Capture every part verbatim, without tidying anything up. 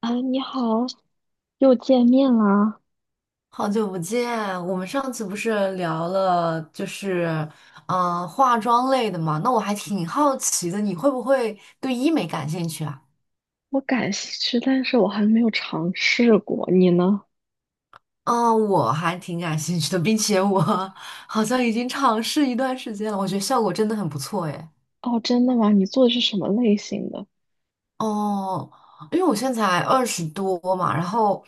啊，你好，又见面啦！好久不见，我们上次不是聊了，就是嗯、呃化妆类的嘛？那我还挺好奇的，你会不会对医美感兴趣啊？我感兴趣，但是我还没有尝试过。你呢？嗯、我还挺感兴趣的，并且我 好像已经尝试一段时间了，我觉得效果真的很不错诶。哦，真的吗？你做的是什么类型的？哦，因为我现在才二十多嘛，然后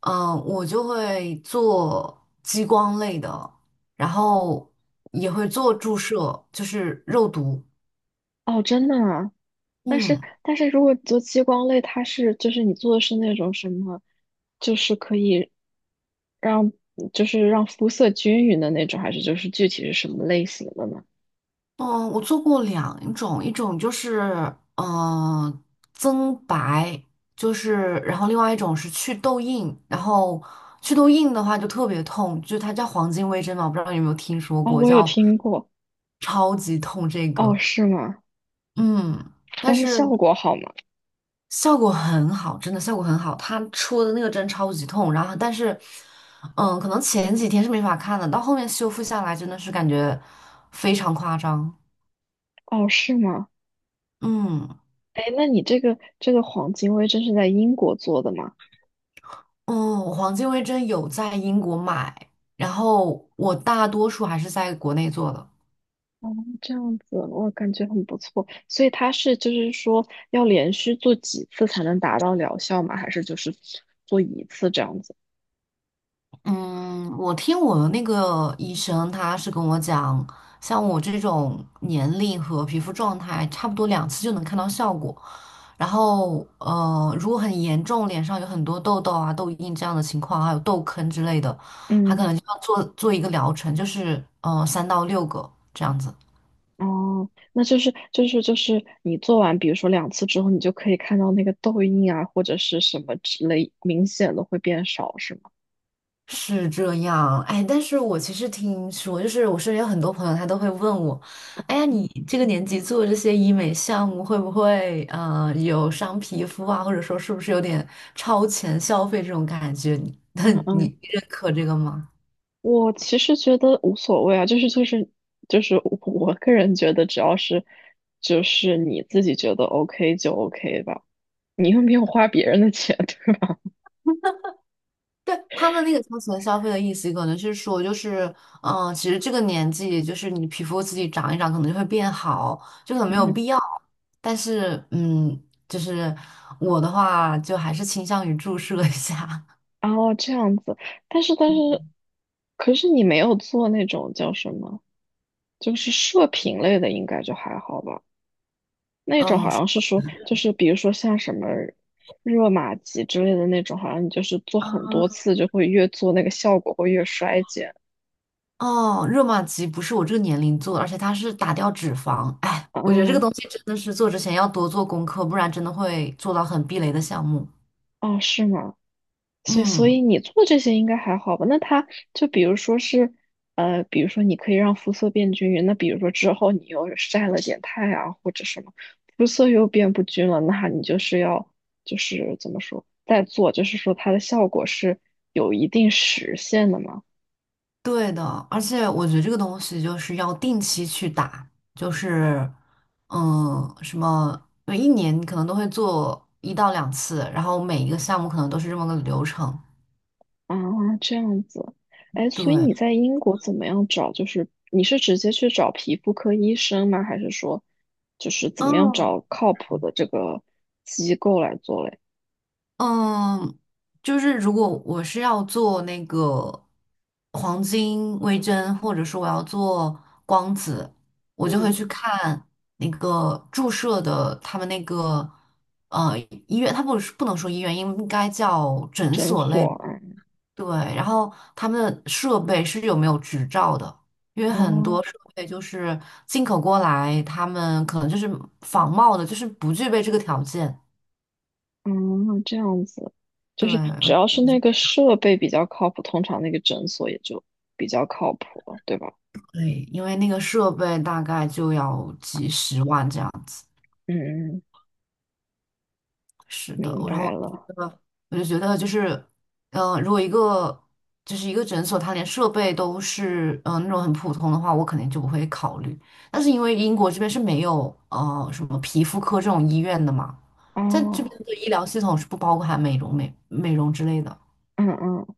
嗯、呃我就会做激光类的，然后也会做注射，就是肉毒。哦，真的吗？但是，嗯。但是如果你做激光类，它是就是你做的是那种什么，就是可以让就是让肤色均匀的那种，还是就是具体是什么类型的呢？嗯，我做过两种，一种就是嗯、呃增白，就是然后另外一种是去痘印，然后去痘印的话就特别痛，就它叫黄金微针嘛，我不知道你有没有听说哦，过，我有叫听过。超级痛这哦，个。是吗？嗯。但但是是效果好吗？效果很好，真的效果很好，它戳的那个针超级痛，然后但是嗯，可能前几天是没法看的，到后面修复下来真的是感觉非常夸张。哦，是吗？嗯。哎，那你这个这个黄金微针是在英国做的吗？嗯，我黄金微针有在英国买，然后我大多数还是在国内做的。哦，这样子我感觉很不错。所以它是就是说要连续做几次才能达到疗效吗？还是就是做一次这样子？嗯，我听我的那个医生，他是跟我讲，像我这种年龄和皮肤状态，差不多两次就能看到效果。然后，呃，如果很严重，脸上有很多痘痘啊、痘印这样的情况，还有痘坑之类的，他嗯。可能就要做做一个疗程，就是呃三到六个这样子。哦，那就是就是就是你做完，比如说两次之后，你就可以看到那个痘印啊，或者是什么之类明显的会变少，是吗？是这样，哎，但是我其实听说，就是我身边有很多朋友，他都会问我，哎呀，你这个年纪做这些医美项目，会不会呃有伤皮肤啊，或者说是不是有点超前消费这种感觉？那嗯嗯，你认可这个吗？我其实觉得无所谓啊，就是就是就是我我个人觉得，只要是就是你自己觉得 OK 就 OK 吧。你又没有花别人的钱，对吧？对，他们那个超前消费的意思，可能是说，就是，嗯、其实这个年纪，就是你皮肤自己长一长，可能就会变好，就可能没有嗯。必要。但是，嗯，就是我的话，就还是倾向于注射一下。哦，这样子，但是 但嗯，是，可是你没有做那种叫什么，就是射频类的，应该就还好吧？那种哦，好是像是说，就是比如说像什么热玛吉之类的那种，好像你就是做很多啊，次就会越做那个效果会越衰减。哦，热玛吉不是我这个年龄做的而且它是打掉脂肪。哎，我觉得这个嗯。东西真的是做之前要多做功课，不然真的会做到很避雷的项目。哦，是吗？所以，所嗯。以你做这些应该还好吧？那它就比如说是，呃，比如说你可以让肤色变均匀，那比如说之后你又晒了点太阳或者什么，肤色又变不均了，那你就是要就是怎么说再做，就是说它的效果是有一定时限的嘛？对的，而且我觉得这个东西就是要定期去打，就是，嗯，什么，每一年可能都会做一到两次，然后每一个项目可能都是这么个流程。啊，这样子。哎，所以对，你在英国怎么样找？就是你是直接去找皮肤科医生吗？还是说就是怎么样嗯，找靠谱的这个机构来做嘞？嗯，就是如果我是要做那个黄金微针，或者说我要做光子，我就会去看那个注射的他们那个呃医院，他不是不能说医院，应该叫诊诊所类。所啊。对，然后他们的设备是有没有执照的？因为很哦。多设备就是进口过来，他们可能就是仿冒的，就是不具备这个条件。嗯，这样子，就对，是只要我是觉那得个设备比较靠谱，通常那个诊所也就比较靠谱了，对吧？对，因为那个设备大概就要几十万这样子。嗯嗯，是的，明然后白我觉了。得，我就觉得就是，嗯、如果一个就是一个诊所，它连设备都是嗯、呃那种很普通的话，我肯定就不会考虑。但是因为英国这边是没有呃什么皮肤科这种医院的嘛，在这边哦。的医疗系统是不包含美容美美容之类的。嗯嗯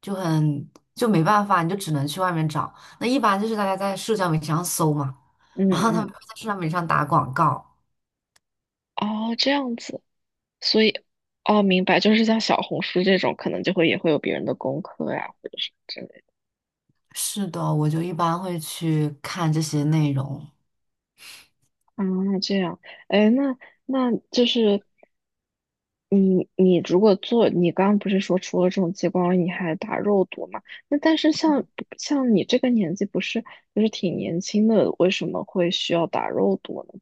就很就没办法，你就只能去外面找。那一般就是大家在社交媒体上搜嘛，嗯然后他们会嗯。在社交媒体上打广告。哦，这样子，所以，哦，明白，就是像小红书这种，可能就会也会有别人的功课呀，或者是。是的，我就一般会去看这些内容。啊，这样。哎，那那就是你你如果做，你刚刚不是说除了这种激光，你还打肉毒嘛？那但是像像你这个年纪，不是就是挺年轻的，为什么会需要打肉毒呢？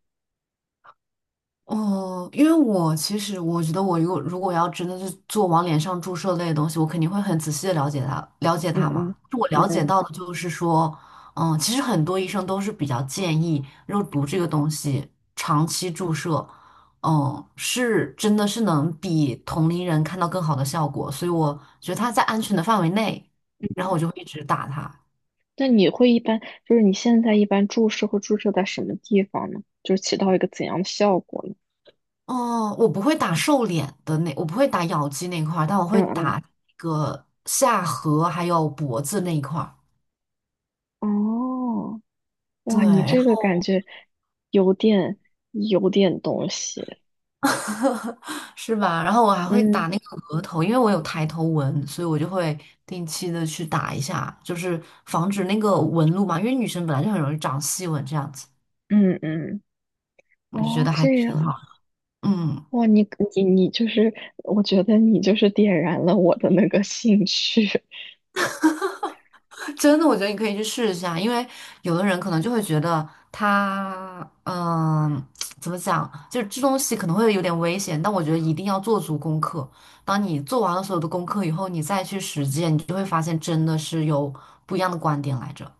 哦，因为我其实我觉得，我如果如果要真的是做往脸上注射类的东西，我肯定会很仔细的了解它，了解嗯它嘛。嗯我嗯了解嗯。到的就是说，嗯，其实很多医生都是比较建议肉毒这个东西长期注射，嗯，是真的是能比同龄人看到更好的效果，所以我觉得它在安全的范围内，然后我就会一直打它。那你会一般就是你现在一般注射会注射在什么地方呢？就是起到一个怎样的效果呢？哦，我不会打瘦脸的那，我不会打咬肌那一块儿，但我会嗯打嗯。那个下颌还有脖子那一块儿。哦，对，哇，你然这个后 感觉有点有点东西。是吧？然后我还会嗯。打那个额头，因为我有抬头纹，所以我就会定期的去打一下，就是防止那个纹路嘛。因为女生本来就很容易长细纹这样子，嗯嗯。我就觉哦，得还这挺好。样，嗯。哇，你你你就是，我觉得你就是点燃了我的那个兴趣。真的，我觉得你可以去试一下，因为有的人可能就会觉得他，嗯，怎么讲，就是这东西可能会有点危险，但我觉得一定要做足功课。当你做完了所有的功课以后，你再去实践，你就会发现真的是有不一样的观点来着。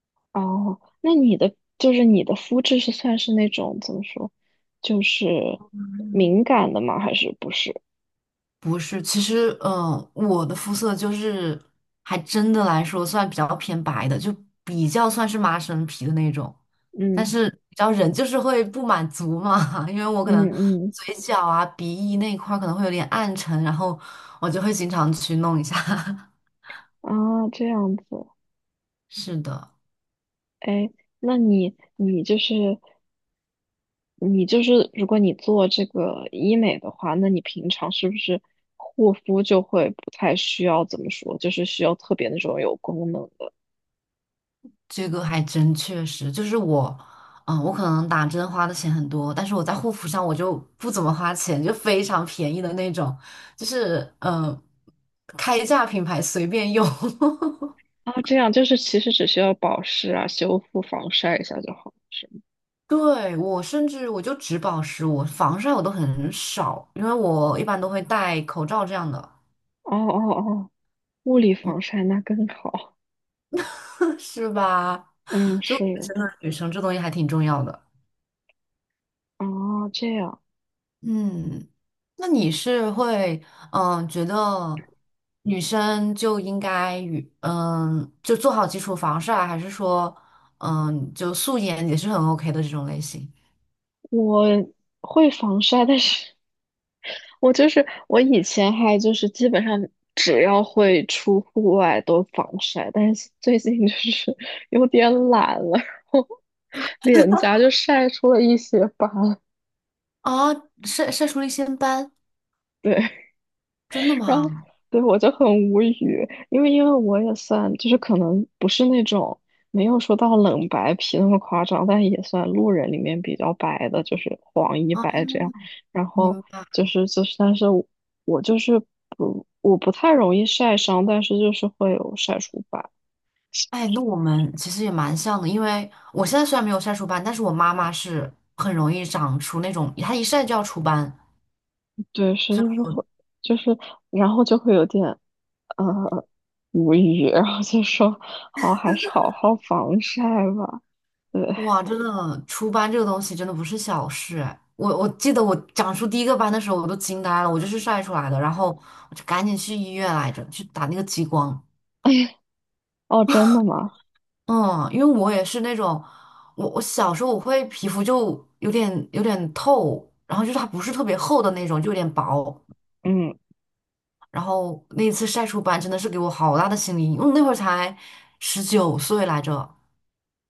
哦，那你的就是你的肤质是算是那种怎么说，就是敏感的吗？还是不是？不是，其实，呃，我的肤色就是还真的来说算比较偏白的，就比较算是麻生皮的那种。但嗯是，你知道人就是会不满足嘛，因为我嗯可能嗯。嘴角啊、鼻翼那一块儿可能会有点暗沉，然后我就会经常去弄一下。啊，这样子。是的。哎，那你你就是你就是如果你做这个医美的话，那你平常是不是护肤就会不太需要怎么说，就是需要特别那种有功能的？这个还真确实，就是我，嗯、我可能打针花的钱很多，但是我在护肤上我就不怎么花钱，就非常便宜的那种，就是嗯，开价品牌随便用。啊？这样就是其实只需要保湿啊、修复、防晒一下就好，是吗？对，我甚至我就只保湿，我防晒我都很少，因为我一般都会戴口罩这样的。哦哦哦，物理防晒那更好。是吧？嗯，所以是。我觉得真的女生这东西还挺重要的。哦，这样，嗯，那你是会嗯、呃觉得女生就应该与嗯就做好基础防晒，还是说嗯就素颜也是很 OK 的这种类型我会防晒，但是我就是我以前还就是基本上只要会出户外都防晒，但是最近就是 有点懒了，然后脸颊就晒出了一些斑。啊？晒晒出了一些斑，对，真的然后吗？对我就很无语，因为因为我也算就是可能不是那种没有说到冷白皮那么夸张，但也算路人里面比较白的，就是黄一啊，白这样。然后明白。就是就是，但是我我就是不我不太容易晒伤，但是就是会有晒出斑。哎，那我们其实也蛮像的，因为我现在虽然没有晒出斑，但是我妈妈是很容易长出那种，她一晒就要出斑。对，是就是会就是然后就会有点呃无语，然后就说好还是好好防晒吧。对。哇，真的，出斑这个东西真的不是小事哎。我我记得我长出第一个斑的时候，我都惊呆了，我就是晒出来的，然后我就赶紧去医院来着，去打那个激光。哦，真的吗？嗯，因为我也是那种，我我小时候我会皮肤就有点有点透，然后就是它不是特别厚的那种，就有点薄。嗯。然后那一次晒出斑真的是给我好大的心理阴影，我那会儿才十九岁来着，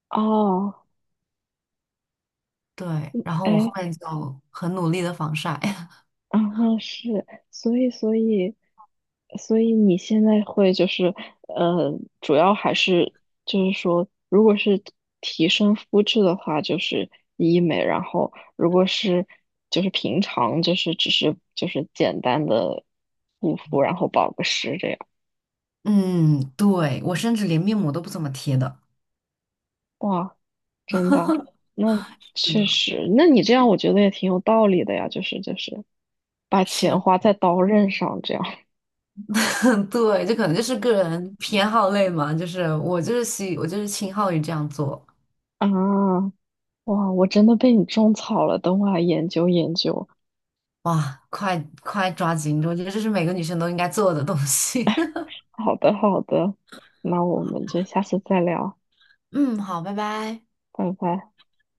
哦。对。然后我后哎，面就很努力的防晒。嗯哼，是，所以，所以，所以你现在会就是，呃，主要还是就是说，如果是提升肤质的话，就是医美，然后如果是就是平常就是只是就是简单的护肤，然后保个湿这样。嗯，对，我甚至连面膜都不怎么贴的。哇，真的，那是的。确实，那你这样我觉得也挺有道理的呀，就是就是把钱是，花在刀刃上这样。 对，这可能就是个人偏好类嘛，就是我就是喜，我就是倾好于这样做。啊。哇，我真的被你种草了，等我来研究研究。哇，快快抓紧！我觉得这是每个女生都应该做的东西。好的，好的，那我们就下次再聊，嗯，好，拜拜。拜拜。